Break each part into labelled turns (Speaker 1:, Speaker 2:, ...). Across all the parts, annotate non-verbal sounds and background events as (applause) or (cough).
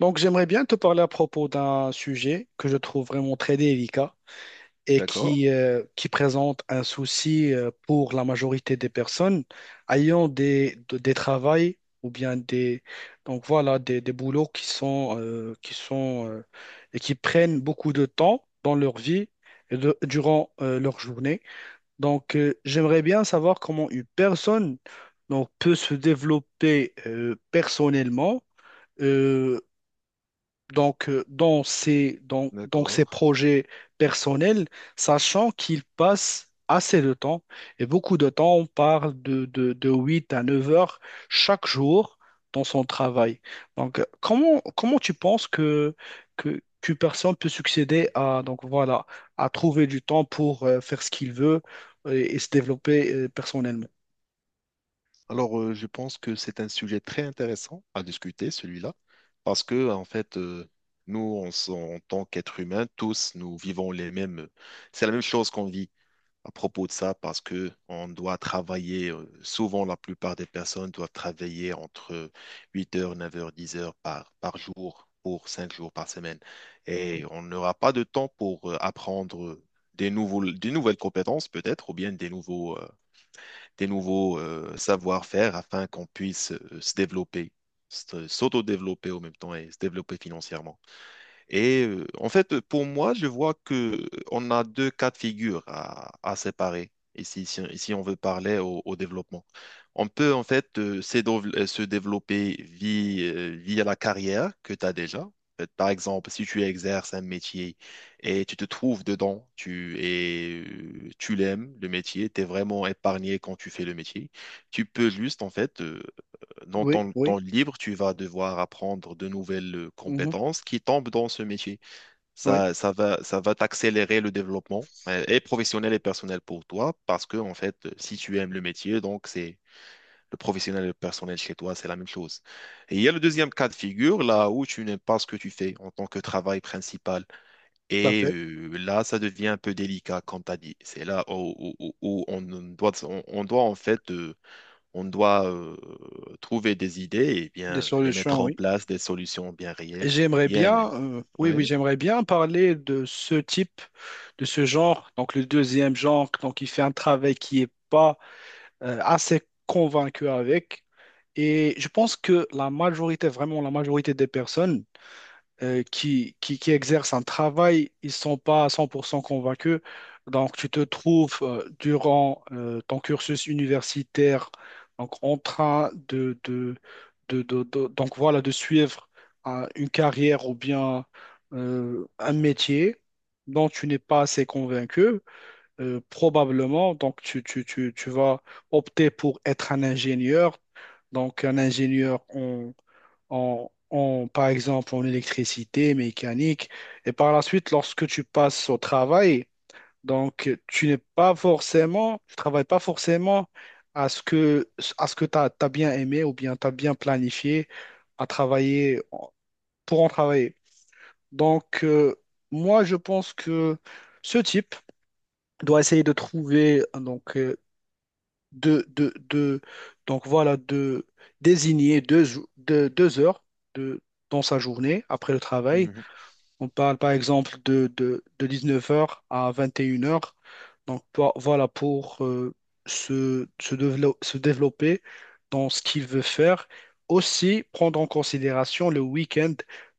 Speaker 1: Donc, j'aimerais bien te parler à propos d'un sujet que je trouve vraiment très délicat et
Speaker 2: D'accord,
Speaker 1: qui présente un souci pour la majorité des personnes ayant des travails ou bien donc voilà, des boulots qui sont et qui prennent beaucoup de temps dans leur vie et durant leur journée. Donc, j'aimerais bien savoir comment une personne donc, peut se développer personnellement euh, dans donc ces
Speaker 2: d'accord.
Speaker 1: projets personnels, sachant qu'ils passent assez de temps, et beaucoup de temps, on parle de 8 à 9 heures chaque jour dans son travail. Donc, comment tu penses qu'une personne peut succéder à, donc voilà, à trouver du temps pour faire ce qu'il veut et se développer personnellement?
Speaker 2: Alors, je pense que c'est un sujet très intéressant à discuter, celui-là, parce que, en fait, nous, en tant qu'êtres humains, tous, nous vivons les mêmes. C'est la même chose qu'on vit à propos de ça, parce que on doit travailler, souvent, la plupart des personnes doivent travailler entre 8 heures, 9 heures, 10 heures par jour pour 5 jours par semaine. Et on n'aura pas de temps pour apprendre des nouvelles compétences, peut-être, ou bien des nouveaux. Des nouveaux savoir-faire afin qu'on puisse se développer, s'auto-développer au même temps et se développer financièrement. Et en fait, pour moi, je vois que on a deux cas de figure à séparer ici, si on veut parler au développement. On peut en fait se développer via la carrière que tu as déjà. En fait, par exemple, si tu exerces un métier et tu te trouves dedans, tu l'aimes, le métier, tu es vraiment épargné quand tu fais le métier, tu peux juste en fait dans
Speaker 1: Oui,
Speaker 2: ton temps
Speaker 1: oui,
Speaker 2: libre, tu vas devoir apprendre de nouvelles
Speaker 1: mhm,
Speaker 2: compétences qui tombent dans ce métier.
Speaker 1: oui,
Speaker 2: Ça, ça va t'accélérer le développement, et professionnel et personnel pour toi, parce que, en fait, si tu aimes le métier, donc c'est le professionnel et le personnel chez toi, c'est la même chose. Et il y a le deuxième cas de figure, là où tu n'aimes pas ce que tu fais en tant que travail principal.
Speaker 1: tout à
Speaker 2: Et
Speaker 1: fait.
Speaker 2: là, ça devient un peu délicat, comme tu as dit. C'est là où on doit, on doit, en fait, on doit trouver des idées et
Speaker 1: Des
Speaker 2: bien les mettre
Speaker 1: solutions,
Speaker 2: en
Speaker 1: oui.
Speaker 2: place, des solutions bien réelles et
Speaker 1: J'aimerais
Speaker 2: bien. Les-
Speaker 1: bien, oui, oui,
Speaker 2: Ouais.
Speaker 1: j'aimerais bien parler de ce type, de ce genre, donc le deuxième genre, donc il fait un travail qui est pas assez convaincu avec. Et je pense que la majorité, vraiment la majorité des personnes, qui exercent un travail, ils ne sont pas à 100% convaincus. Donc, tu te trouves durant ton cursus universitaire donc, en train donc, voilà, de suivre une carrière ou bien un métier dont tu n'es pas assez convaincu. Probablement, donc, tu vas opter pour être un ingénieur. Donc, un ingénieur par exemple, en électricité, mécanique. Et par la suite, lorsque tu passes au travail, donc tu n'es pas forcément, tu travailles pas forcément à ce que, à ce que tu as bien aimé ou bien tu as bien planifié à travailler pour en travailler. Donc, moi, je pense que ce type doit essayer de trouver donc, de, de, de- donc voilà, de désigner deux heures de, dans sa journée après le travail.
Speaker 2: Mhm.
Speaker 1: On parle par exemple de dix-neuf heures à 21 heures. Donc voilà, pour se développer dans ce qu'il veut faire. Aussi, prendre en considération le week-end,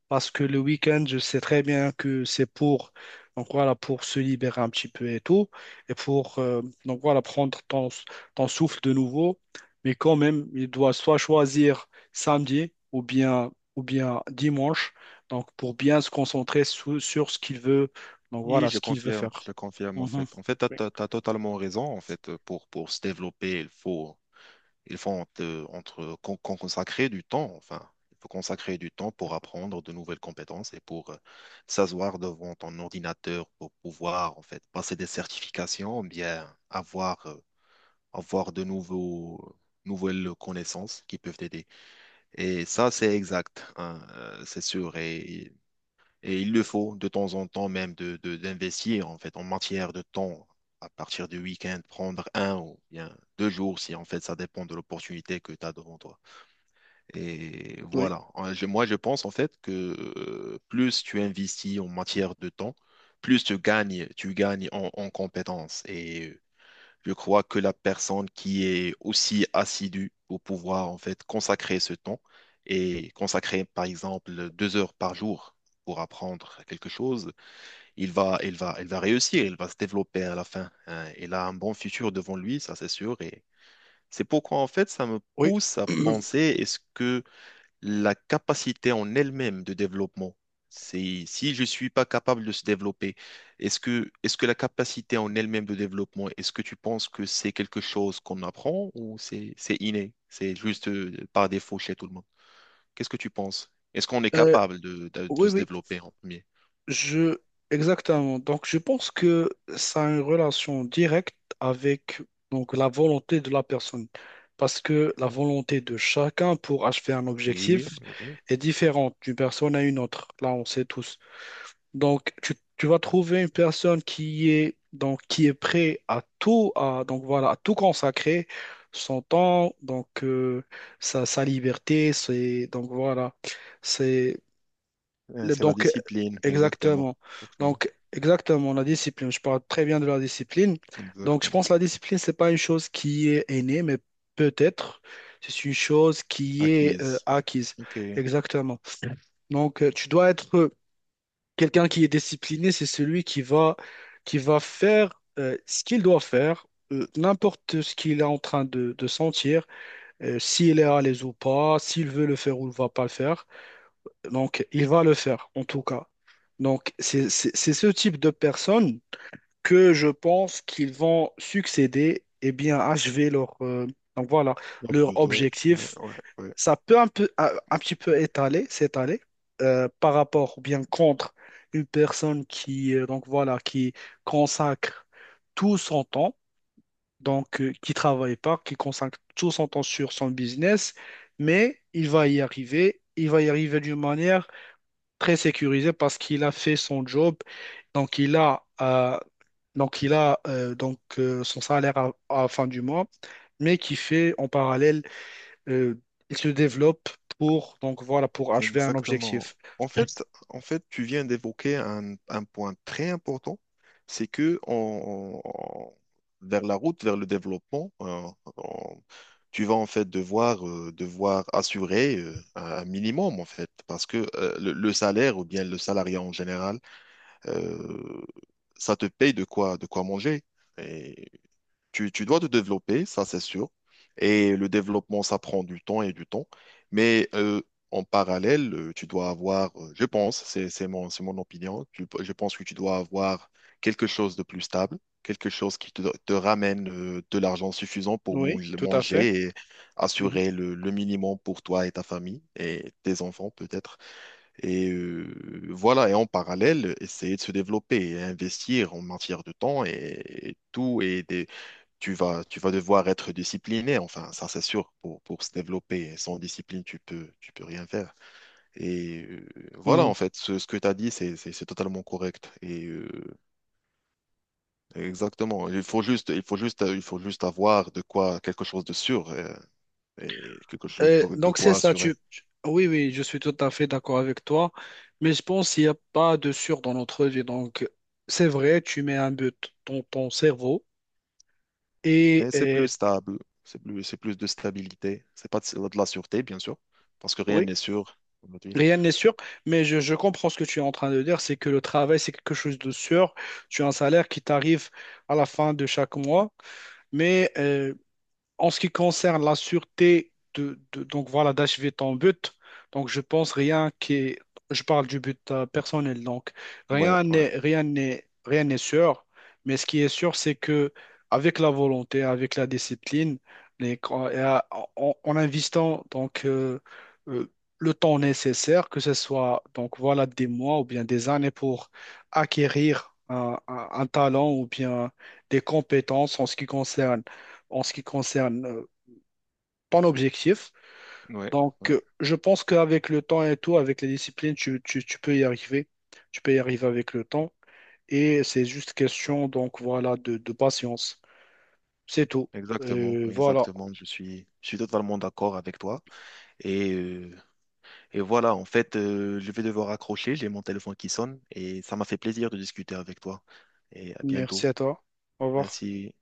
Speaker 1: parce que le week-end, je sais très bien que c'est pour, donc voilà, pour se libérer un petit peu et tout, et pour donc voilà, prendre ton, ton souffle de nouveau. Mais quand même, il doit soit choisir samedi ou bien dimanche donc, pour bien se concentrer sur ce qu'il veut, donc
Speaker 2: Oui,
Speaker 1: voilà, ce qu'il veut faire.
Speaker 2: je confirme en
Speaker 1: Mhm.
Speaker 2: fait. En fait, tu
Speaker 1: Oui,
Speaker 2: as, totalement raison. En fait, pour se développer, il faut entre, entre- con- con- consacrer du temps. Enfin, il faut consacrer du temps pour apprendre de nouvelles compétences et pour s'asseoir devant ton ordinateur pour pouvoir en fait passer des certifications, bien avoir, avoir nouvelles connaissances qui peuvent t'aider. Et ça, c'est exact, hein, c'est sûr. Et il le faut de temps en temps même d'investir en fait en matière de temps. À partir du week-end, prendre 1 ou bien 2 jours, si en fait ça dépend de l'opportunité que tu as devant toi. Et
Speaker 1: oui,
Speaker 2: voilà. Moi, je pense en fait que plus tu investis en matière de temps, tu gagnes en compétences. Et je crois que la personne qui est aussi assidue pour pouvoir en fait consacrer ce temps et consacrer par exemple 2 heures par jour pour apprendre quelque chose, il va réussir, il va se développer à la fin. Hein. Il a un bon futur devant lui, ça c'est sûr. Et c'est pourquoi en fait ça me
Speaker 1: oui.
Speaker 2: pousse à penser,
Speaker 1: (clears throat)
Speaker 2: est-ce que la capacité en elle-même de développement. C'est si je suis pas capable de se développer, est-ce que la capacité en elle-même de développement, est-ce que tu penses que c'est quelque chose qu'on apprend ou c'est inné, c'est juste par défaut chez tout le monde? Qu'est-ce que tu penses? Est-ce qu'on est
Speaker 1: Euh,
Speaker 2: capable de
Speaker 1: oui,
Speaker 2: se
Speaker 1: oui,
Speaker 2: développer en premier?
Speaker 1: je... Exactement. Donc, je pense que ça a une relation directe avec donc, la volonté de la personne. Parce que la volonté de chacun pour achever un
Speaker 2: Oui,
Speaker 1: objectif
Speaker 2: oui.
Speaker 1: est différente d'une personne à une autre. Là, on sait tous. Donc, tu vas trouver une personne qui est, donc, qui est prêt à tout, à, donc, voilà, à tout consacrer, son temps, donc, sa, sa liberté, c'est, donc, voilà, c'est,
Speaker 2: C'est la
Speaker 1: donc,
Speaker 2: discipline, exactement.
Speaker 1: exactement.
Speaker 2: Exactement.
Speaker 1: Donc, exactement, la discipline, je parle très bien de la discipline. Donc, je
Speaker 2: Exactement.
Speaker 1: pense que la discipline, c'est pas une chose qui est innée, mais peut-être, c'est une chose qui est
Speaker 2: Acquise.
Speaker 1: acquise.
Speaker 2: Ok.
Speaker 1: Exactement. Donc, tu dois être quelqu'un qui est discipliné, c'est celui qui va faire ce qu'il doit faire, n'importe ce qu'il est en train de sentir, s'il est à l'aise ou pas, s'il veut le faire ou ne va pas le faire. Donc, il va le faire, en tout cas. Donc, c'est ce type de personnes que je pense qu'ils vont succéder et bien achever leur, donc voilà,
Speaker 2: Lors
Speaker 1: leur
Speaker 2: but, toi, ouais,
Speaker 1: objectif.
Speaker 2: ouais, ouais.
Speaker 1: Ça peut un peu, un petit peu étaler, s'étaler par rapport ou bien contre une personne qui, donc voilà, qui consacre tout son temps, donc qui travaille pas, qui consacre tout son temps sur son business, mais il va y arriver, il va y arriver d'une manière très sécurisée parce qu'il a fait son job, donc donc il a donc son salaire à la fin du mois, mais qui fait en parallèle euh, il se développe pour, donc voilà, pour achever un
Speaker 2: Exactement.
Speaker 1: objectif.
Speaker 2: En fait, en fait, tu viens d'évoquer un point très important, c'est que vers la route, vers le développement, on- tu vas en fait devoir, devoir assurer un minimum en fait, parce que le salaire ou bien le salariat en général, euh, ça te paye de quoi manger. Tu dois te développer, ça c'est sûr. Et le développement, ça prend du temps et du temps. Mais en parallèle, tu dois avoir, je pense, c'est mon opinion, je pense que tu dois avoir quelque chose de plus stable, quelque chose qui te ramène de l'argent suffisant pour
Speaker 1: Oui, tout à fait.
Speaker 2: manger et
Speaker 1: Mhm.
Speaker 2: assurer le minimum pour toi et ta famille et tes enfants peut-être. Et voilà, et en parallèle, essayer de se développer et investir en matière de temps et tout. Et tu vas devoir être discipliné, enfin, ça c'est sûr, pour se développer. Sans discipline, tu peux rien faire. Et voilà,
Speaker 1: Mhm.
Speaker 2: en fait, ce que tu as dit, c'est totalement correct. Et exactement, il faut juste avoir de quoi, quelque chose de sûr et quelque chose de
Speaker 1: Donc c'est
Speaker 2: quoi
Speaker 1: ça,
Speaker 2: assurer.
Speaker 1: tu... Oui, oui, je suis tout à fait d'accord avec toi, mais je pense qu'il n'y a pas de sûr dans notre vie. Donc c'est vrai, tu mets un but dans ton cerveau
Speaker 2: Mais c'est plus
Speaker 1: et
Speaker 2: stable, c'est plus de stabilité. C'est pas de la sûreté, bien sûr, parce que rien
Speaker 1: oui,
Speaker 2: n'est sûr aujourd'hui.
Speaker 1: rien n'est sûr, mais je comprends ce que tu es en train de dire, c'est que le travail, c'est quelque chose de sûr. Tu as un salaire qui t'arrive à la fin de chaque mois, mais en ce qui concerne la sûreté donc voilà d'achever ton but, donc je pense rien qui est, je parle du but personnel donc
Speaker 2: Ouais, ouais,
Speaker 1: rien n'est sûr, mais ce qui est sûr c'est que avec la volonté, avec la discipline, les- et à- en investissant euh, le temps nécessaire, que ce soit donc voilà des mois ou bien des années pour acquérir un talent ou bien des compétences en ce qui concerne en ce qui concerne euh, ton objectif.
Speaker 2: ouais,
Speaker 1: Donc,
Speaker 2: ouais.
Speaker 1: je pense qu'avec le temps et tout, avec les disciplines, tu peux y arriver. Tu peux y arriver avec le temps. Et c'est juste question, donc voilà, de patience. C'est tout.
Speaker 2: Exactement,
Speaker 1: Voilà.
Speaker 2: exactement. Je suis totalement d'accord avec toi. Et, euh, et voilà, en fait, je vais devoir accrocher. J'ai mon téléphone qui sonne et ça m'a fait plaisir de discuter avec toi. Et à
Speaker 1: Merci
Speaker 2: bientôt.
Speaker 1: à toi. Au revoir.
Speaker 2: Merci.